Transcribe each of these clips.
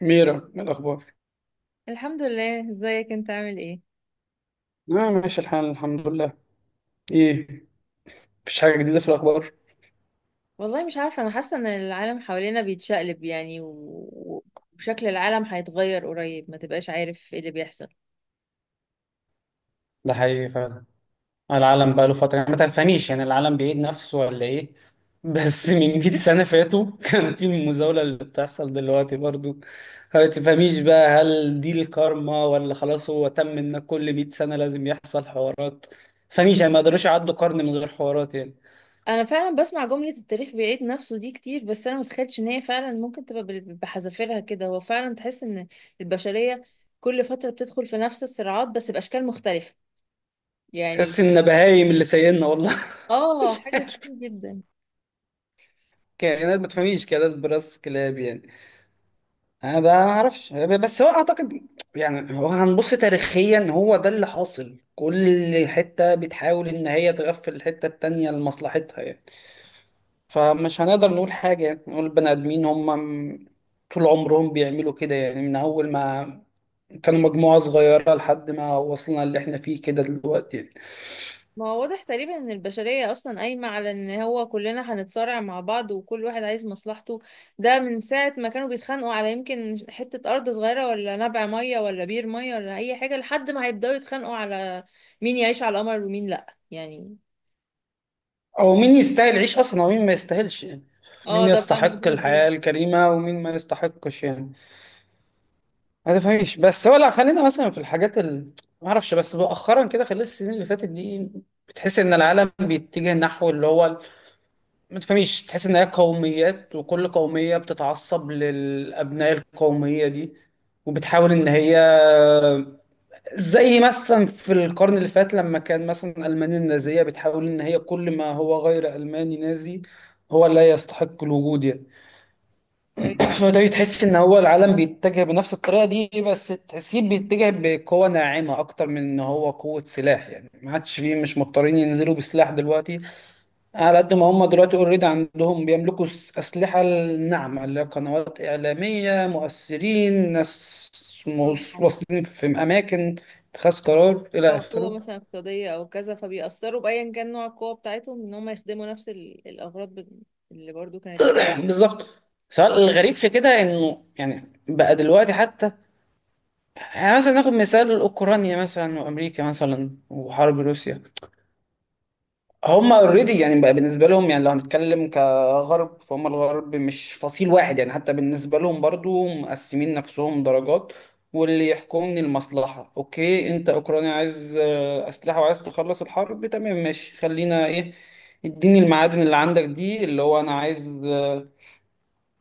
ميرا، إيه الأخبار؟ الحمد لله، ازيك؟ انت عامل ايه؟ آه، ماشي الحال، الحمد لله. إيه، مفيش حاجة جديدة في الأخبار؟ والله مش عارفه، انا حاسه ان العالم حوالينا بيتشقلب يعني وشكل العالم هيتغير قريب، ما تبقاش عارف ايه اللي بيحصل. ده حقيقي فعلا. العالم بقى له فترة، يعني ما تفهميش، يعني العالم بيعيد نفسه ولا ايه؟ بس من 100 سنة فاتوا كان في المزاولة اللي بتحصل دلوقتي برضو. ما تفهميش بقى، هل دي الكارما ولا خلاص هو تم ان كل 100 سنة لازم يحصل حوارات؟ فمش يعني، ما قدروش يعدوا قرن من غير حوارات يعني. انا فعلا بسمع جمله التاريخ بيعيد نفسه دي كتير، بس انا متخيلش ان هي فعلا ممكن تبقى بحذافيرها كده. هو فعلا تحس ان البشريه كل فتره بتدخل في نفس الصراعات بس باشكال مختلفه يعني. تحس ان بهايم اللي سايقنا والله. اه، مش حاجه عارف، كتير جدا. كائنات، ما تفهميش، كائنات براس كلاب يعني. انا ده ما اعرفش، بس هو اعتقد يعني، هو هنبص تاريخيا، هو ده اللي حاصل. كل حته بتحاول ان هي تغفل الحته التانيه لمصلحتها يعني. فمش هنقدر نقول حاجه، يعني نقول البني ادمين هم م- طول عمرهم بيعملوا كده يعني، من اول ما كانوا مجموعه صغيره لحد ما وصلنا اللي احنا فيه كده دلوقتي يعني. ما هو واضح تقريبا ان البشرية اصلا قايمة على ان هو كلنا هنتصارع مع بعض وكل واحد عايز مصلحته. ده من ساعة ما كانوا بيتخانقوا على يمكن حتة ارض صغيرة ولا نبع مية ولا بير مية ولا اي حاجة، لحد ما هيبدأوا يتخانقوا على مين يعيش على القمر ومين لا يعني. او مين يستاهل يعيش اصلا، ومين ما يستاهلش يعني. اه، مين ده بقى يستحق موضوع تاني. الحياه الكريمه، ومين ما يستحقش يعني. ما تفهميش، بس هو لا، خلينا مثلا في الحاجات ما اعرفش، بس مؤخرا كده خلال السنين اللي فاتت دي، بتحس ان العالم بيتجه نحو اللي هو ما تفهميش، تحس ان هي قوميات، وكل قوميه بتتعصب للابناء القوميه دي، وبتحاول ان هي، زي مثلا في القرن اللي فات، لما كان مثلا المانيا النازيه بتحاول ان هي كل ما هو غير الماني نازي هو لا يستحق الوجود يعني. أيوة. فده تحس ان هو العالم بيتجه بنفس الطريقه دي، بس تحسيه بيتجه بقوه ناعمه اكتر من ان هو قوه سلاح يعني. ما عادش فيه، مش مضطرين ينزلوا بسلاح دلوقتي، على قد ما هم دلوقتي اوريدي عندهم، بيملكوا اسلحه الناعمه اللي هي قنوات اعلاميه، مؤثرين، ناس واصلين في اماكن اتخاذ قرار الى او قوة اخره. مثلا اقتصادية او كذا، فبيأثروا بأيا كان نوع القوة بتاعتهم ان هم يخدموا نفس الاغراض اللي برضو كانت بالظبط. سؤال الغريب في كده انه، يعني بقى دلوقتي حتى، يعني مثلا ناخد مثال اوكرانيا مثلا، وامريكا مثلا، وحرب روسيا. هم اوريدي يعني بقى بالنسبه لهم، يعني لو هنتكلم كغرب، فهم الغرب مش فصيل واحد يعني، حتى بالنسبه لهم برضو مقسمين نفسهم درجات. واللي يحكمني المصلحه. اوكي، انت اوكرانيا عايز آه، اسلحه، وعايز تخلص الحرب، تمام ماشي، خلينا ايه، اديني المعادن اللي عندك دي، اللي هو انا عايز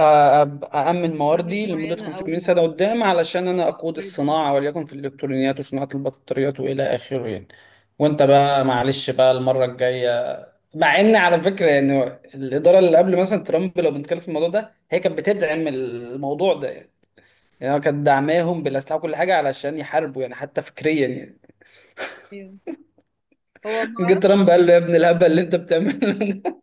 أأمن قرارات مواردي لمدة معينة او 500 سنة قدام، علشان أنا أقود أيوة. الصناعة وليكن في الإلكترونيات وصناعة البطاريات وإلى آخره يعني. وأنت بقى، معلش بقى المرة الجاية. مع إن على فكرة يعني، الإدارة اللي قبل مثلا ترامب، لو بنتكلم في الموضوع ده، هي كانت بتدعم الموضوع ده يعني. يعني هو كانت دعماهم بالأسلحة وكل حاجة علشان يحاربوا، يعني حتى فكريا يعني. هو ما جه اعرفش. ترامب قال له يا ابن الهبل اللي أنت بتعمله ده.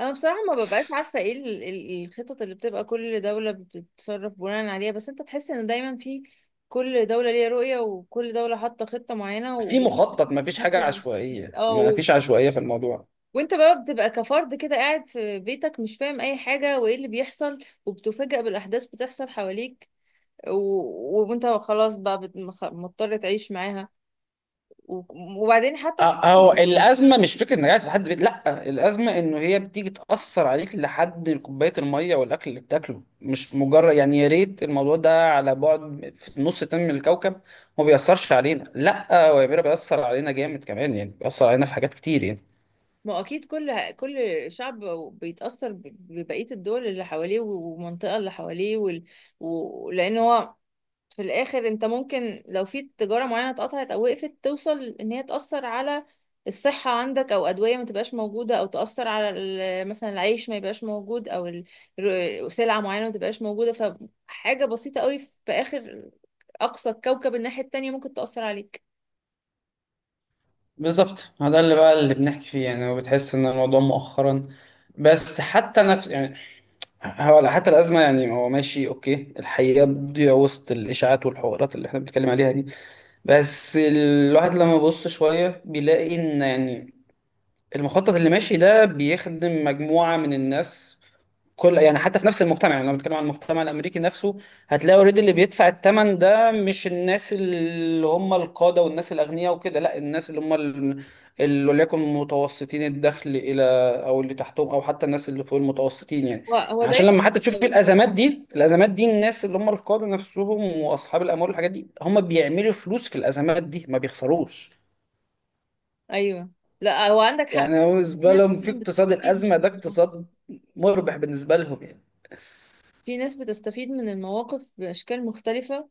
انا بصراحه ما ببقاش عارفه ايه الخطط اللي بتبقى كل دوله بتتصرف بناء عليها، بس انت تحس ان دايما في كل دوله ليها رؤيه وكل دوله حاطه خطه معينه في وبتنفذ مخطط، ما فيش حاجة الخطه دي عشوائية، ما فيش عشوائية في الموضوع. وانت بقى بتبقى كفرد كده، قاعد في بيتك مش فاهم اي حاجه وايه اللي بيحصل. وبتفاجأ بالاحداث بتحصل حواليك و... وانت خلاص بقى مضطر تعيش معاها و- وبعدين حتى. اهو الازمه مش فكره ان قاعد في حد بيت، لا الازمه انه هي بتيجي تاثر عليك لحد كوبايه الميه والاكل اللي بتاكله، مش مجرد يعني يا ريت الموضوع ده على بعد في نص تاني من الكوكب ما بيأثرش علينا. لا هو يا بيرا بيأثر علينا جامد كمان، يعني بيأثر علينا في حاجات كتير يعني. ما اكيد كل شعب بيتاثر ببقيه الدول اللي حواليه والمنطقه اللي حواليه لان هو في الاخر انت ممكن، لو في تجاره معينه اتقطعت او وقفت، توصل ان هي تاثر على الصحه عندك، او ادويه ما تبقاش موجوده، او تاثر على مثلا العيش ما يبقاش موجود، او سلعه معينه ما تبقاش موجوده. فحاجه بسيطه قوي في اخر اقصى الكوكب الناحيه التانية ممكن تاثر عليك. بالظبط، ما ده اللي بقى اللي بنحكي فيه يعني. وبتحس ان الموضوع مؤخرا، بس حتى نفس يعني، هو حتى الازمه يعني، هو ماشي اوكي، الحقيقه بتضيع وسط الاشاعات والحوارات اللي احنا بنتكلم عليها دي. بس الواحد لما يبص شوية بيلاقي إن يعني المخطط اللي ماشي ده بيخدم مجموعة من الناس، كل يعني، حتى في نفس المجتمع، يعني لما بنتكلم عن المجتمع الامريكي نفسه، هتلاقي اوريدي اللي بيدفع الثمن ده مش الناس اللي هم القاده والناس الاغنياء وكده. لا، الناس اللي هم اللي وليكن متوسطين الدخل الى، او اللي تحتهم، او حتى الناس اللي فوق المتوسطين يعني. هو عشان دايما لما حتى تشوف لو- الازمات دي، الازمات دي الناس اللي هم القاده نفسهم واصحاب الاموال والحاجات دي، هم بيعملوا فلوس في الازمات دي، ما بيخسروش. ايوه. لا هو عندك حق. يعني هو في بالنسبه ناس لهم في فعلا اقتصاد بتستفيد من الازمه ده، الموضوع. اقتصاد مربح بالنسبه لهم يعني. في ناس بتستفيد من المواقف بأشكال مختلفة،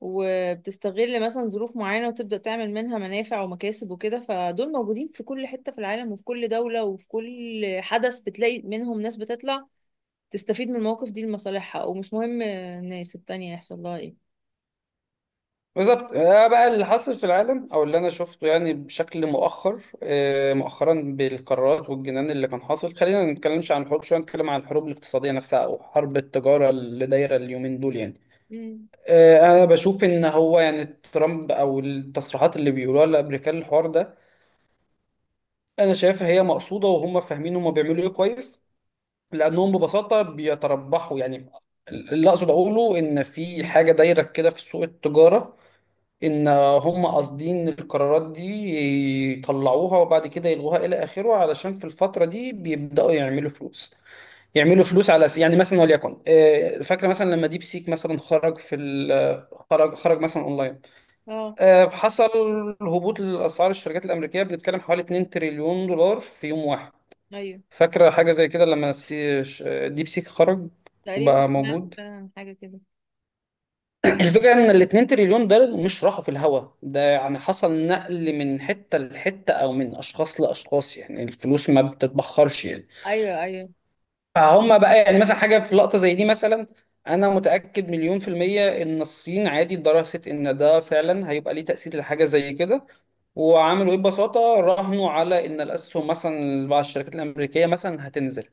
وبتستغل مثلا ظروف معينة وتبدأ تعمل منها منافع ومكاسب وكده. فدول موجودين في كل حتة في العالم وفي كل دولة وفي كل حدث بتلاقي منهم ناس بتطلع تستفيد من المواقف دي لمصالحها، ومش مهم الناس التانية يحصل لها ايه. بالظبط آه، بقى اللي حاصل في العالم او اللي انا شفته يعني بشكل مؤخر، آه، مؤخرا بالقرارات والجنان اللي كان حاصل. خلينا ما نتكلمش عن الحروب شويه، نتكلم عن الحروب الاقتصاديه نفسها، او حرب التجاره اللي دايره اليومين دول يعني. امم آه، انا بشوف ان هو يعني ترامب او التصريحات اللي بيقولوها الامريكان، الحوار ده انا شايفها هي مقصوده، وهم فاهمين هم بيعملوا ايه كويس. لانهم ببساطه بيتربحوا يعني. اللي اقصد اقوله ان في حاجه دايره كده في سوق التجاره، ان هم قاصدين القرارات دي يطلعوها، وبعد كده يلغوها الى اخره، علشان في الفتره دي بيبداوا يعملوا فلوس. يعملوا فلوس على يعني مثلا وليكن آه، فاكره مثلا لما ديب سيك مثلا خرج في ال- خرج خرج مثلا اونلاين. اه. آه، حصل هبوط لاسعار الشركات الامريكيه، بنتكلم حوالي 2 تريليون دولار في يوم واحد. ايوه، فاكره حاجه زي كده لما ديب سيك خرج تقريبا وبقى سمعت موجود. فعلا عن حاجة كده. الفكرة ان الاتنين تريليون دول مش راحوا في الهوا ده يعني، حصل نقل من حتة لحتة، او من اشخاص لاشخاص، يعني الفلوس ما بتتبخرش يعني. ايوه، ايوه، فهم بقى يعني مثلا حاجة في لقطة زي دي مثلا، انا متأكد مليون في المية ان الصين عادي درست ان ده فعلا هيبقى ليه تأثير لحاجة زي كده. وعملوا ايه؟ ببساطه راهنوا على ان الاسهم مثلا بعض الشركات الامريكيه مثلا هتنزل.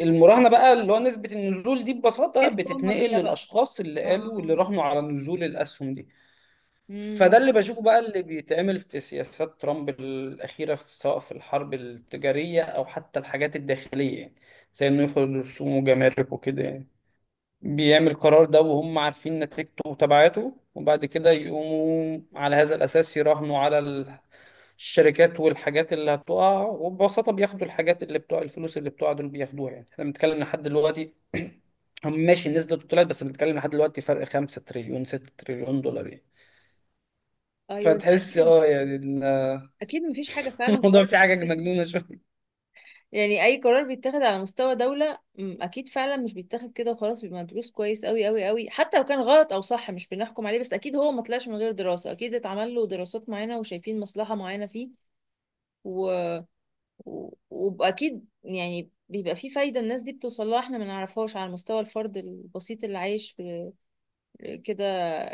المراهنه بقى اللي هو نسبه النزول دي ببساطه كسبوا هم بتتنقل فيها بقى. للاشخاص اللي قالوا، اه. اللي راهنوا على نزول الاسهم دي. امم. فده اللي بشوفه بقى اللي بيتعمل في سياسات ترامب الأخيرة، في سواء في الحرب التجارية أو حتى الحاجات الداخلية يعني. زي إنه يفرض رسوم وجمارك وكده يعني. بيعمل قرار ده وهم عارفين نتيجته وتبعاته، وبعد كده يقوموا على هذا الأساس يراهنوا على الشركات والحاجات اللي هتقع، وببساطة بياخدوا الحاجات اللي بتوع الفلوس اللي بتوع دول بياخدوها يعني. احنا بنتكلم لحد دلوقتي. هم ماشي، النسبة طلعت، بس بنتكلم لحد دلوقتي فرق 5 تريليون 6 تريليون دولار يعني. ايوه، فتحس اكيد. اه يعني اكيد مفيش حاجة فعلا الموضوع قرار. فيه حاجه مجنونه شويه. يعني اي قرار بيتاخد على مستوى دولة اكيد فعلا مش بيتاخد كده وخلاص، بيبقى مدروس كويس قوي قوي قوي، حتى لو كان غلط او صح مش بنحكم عليه، بس اكيد هو ما طلعش من غير دراسة، اكيد اتعمل له دراسات معينة وشايفين مصلحة معينة فيه. و... واكيد يعني بيبقى فيه فايدة الناس دي بتوصل لها احنا ما نعرفهاش على مستوى الفرد البسيط اللي عايش في كده،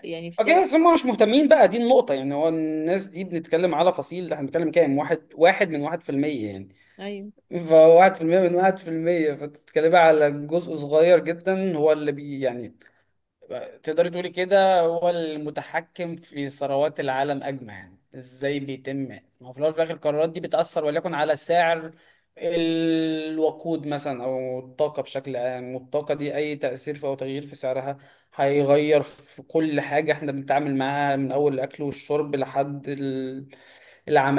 يعني في دولة. اوكي بس هم مش مهتمين بقى، دي النقطه يعني، هو الناس دي بنتكلم على فصيل، احنا بنتكلم كام؟ واحد واحد من واحد في المية يعني، ايوه. فواحد في المية من واحد في المية، فبتتكلم على جزء صغير جدا هو اللي بي يعني تقدري تقولي كده هو المتحكم في ثروات العالم أجمع يعني. ازاي بيتم؟ ما هو في الأول وفي الآخر القرارات دي بتأثر وليكن على سعر الوقود مثلا أو الطاقة بشكل عام، والطاقة دي أي تأثير في أو تغيير في سعرها هيغير في كل حاجة احنا بنتعامل معاها، من أول الأكل والشرب لحد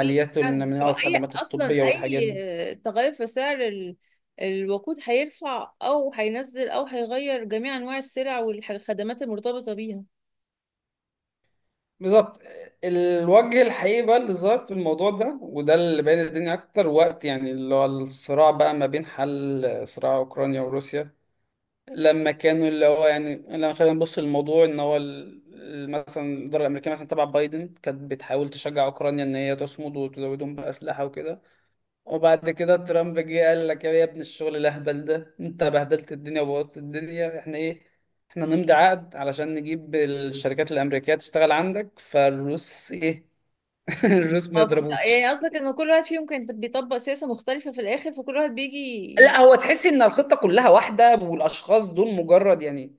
في حد والنموية طب اي، والخدمات اصلا الطبية والحاجات دي. اي تغير في سعر الوقود هيرفع او هينزل او هيغير جميع انواع السلع والخدمات المرتبطه بيها. بالظبط. الوجه الحقيقي بقى اللي ظهر في الموضوع ده، وده اللي بين الدنيا اكتر وقت، يعني اللي هو الصراع بقى ما بين حل صراع اوكرانيا وروسيا. لما كانوا اللي هو يعني لما خلينا نبص للموضوع ان هو مثلا الاداره الامريكيه مثلا تبع بايدن كانت بتحاول تشجع اوكرانيا ان هي تصمد وتزودهم باسلحه وكده. وبعد كده ترامب جه قال لك يا ابن الشغل الاهبل ده، انت بهدلت الدنيا وبوظت الدنيا، احنا ايه، احنا نمضي عقد علشان نجيب الشركات الامريكيه تشتغل عندك، فالروس ايه؟ الروس ما اه بالظبط. يضربوش. يعني قصدك ان كل واحد فيهم كان بيطبق سياسه مختلفه، في الاخر فكل واحد بيجي لا هو تحس ان الخطه كلها واحده، والاشخاص دول مجرد يعني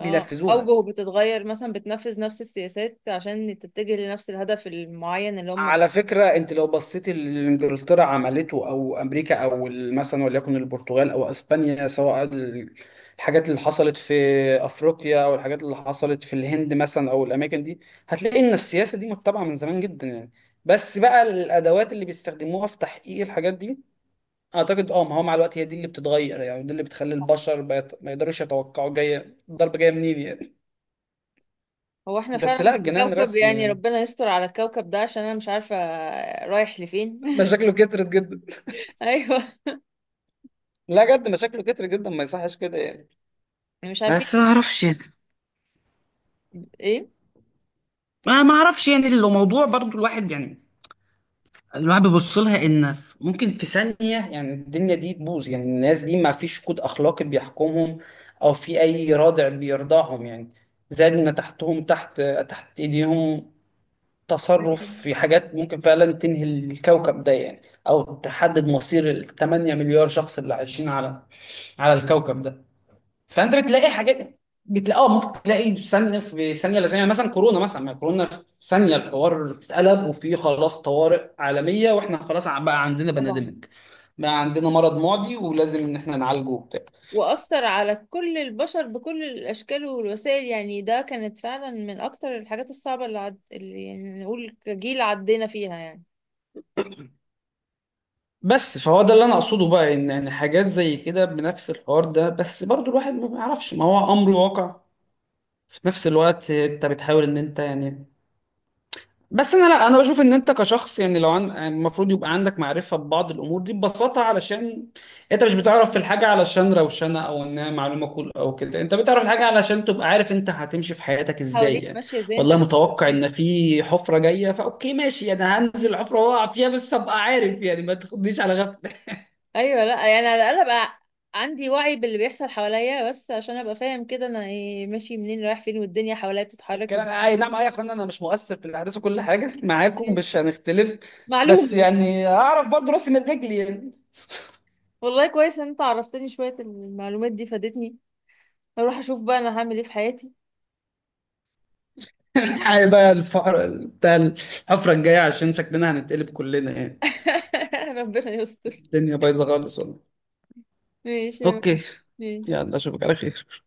اه، اوجهه بتتغير، مثلا بتنفذ نفس السياسات عشان تتجه لنفس الهدف المعين اللي هم على فكرة انت لو بصيت اللي انجلترا عملته او امريكا او مثلا وليكن البرتغال او اسبانيا، سواء الحاجات اللي حصلت في افريقيا، او الحاجات اللي حصلت في الهند مثلا، او الاماكن دي، هتلاقي ان السياسة دي متبعة من زمان جدا يعني. بس بقى الادوات اللي بيستخدموها في تحقيق الحاجات دي، اعتقد اه، ما هو مع الوقت هي دي اللي بتتغير، يعني دي اللي بتخلي البشر ما يقدروش يتوقعوا جاية الضربة جاية منين يعني. هو احنا بس فعلا لا في الجنان كوكب، رسمي يعني يعني، ربنا يستر على الكوكب ده عشان انا مش عارفه رايح لفين. مشاكله كترت جدا. ايوه، لا جد مشاكله كترت جدا، ما يصحش كده يعني. مش بس ما عارفين اعرفش يعني، ايه. ما اعرفش يعني لو موضوع برضو الواحد يعني، الواحد بيبص لها ان ممكن في ثانية يعني الدنيا دي تبوظ يعني، الناس دي ما فيش كود اخلاقي بيحكمهم، او في اي رادع بيرضعهم يعني، زائد ان تحتهم، تحت ايديهم تصرف أيوة. في حاجات ممكن فعلا تنهي الكوكب ده يعني، او تحدد مصير ال 8 مليار شخص اللي عايشين على الكوكب ده. فانت بتلاقي حاجات، بتلاقي اه ممكن تلاقي ثانيه في ثانيه، لا ثانيه، مثلا كورونا مثلا، ما كورونا في ثانيه الحوار اتقلب، وفي خلاص طوارئ عالميه، واحنا خلاص بقى عندنا طبعا. بانديميك، بقى عندنا مرض معدي، ولازم ان احنا نعالجه وبتاع. وأثر على كل البشر بكل الأشكال والوسائل، يعني ده كانت فعلا من أكتر الحاجات الصعبة اللي يعني نقول كجيل عدينا فيها يعني. بس فهو ده اللي انا اقصده بقى، ان حاجات زي كده بنفس الحوار ده، بس برضو الواحد ما بيعرفش، ما هو امر واقع. في نفس الوقت انت بتحاول ان انت يعني، بس انا لا انا بشوف ان انت كشخص يعني لو يعني المفروض يبقى عندك معرفه ببعض الامور دي ببساطه، علشان انت مش بتعرف في الحاجه علشان روشنه او انها معلومه كل او كده، انت بتعرف الحاجه علشان تبقى عارف انت هتمشي في حياتك ازاي حواليك يعني. ماشية ازاي، انت والله لسه متوقع بتبتدي. ان في حفره جايه، فاوكي ماشي انا هنزل الحفره واقع فيها، بس ابقى عارف يعني، ما تاخدنيش على غفله. أيوة، لا يعني على الأقل أبقى عندي وعي باللي بيحصل حواليا، بس عشان أبقى فاهم كده أنا إيه، ماشي منين رايح فين والدنيا حواليا بتتحرك الكلام ازاي. اي نعم اي، يا اخوانا انا مش مؤثر في الاحداث وكل حاجه معاكم، مش هنختلف، بس معلومة بس. يعني اعرف برضو راسي من رجلي يعني. والله كويس إن أنت عرفتني. شوية المعلومات دي فادتني، هروح أشوف بقى أنا هعمل إيه في حياتي. الحقيقة بقى الفقر بتاع الحفرة الجاية، عشان شكلنا هنتقلب كلنا يعني. ربنا يستر. الدنيا بايظة خالص والله. ماشي اوكي، ماشي. يلا اشوفك على خير.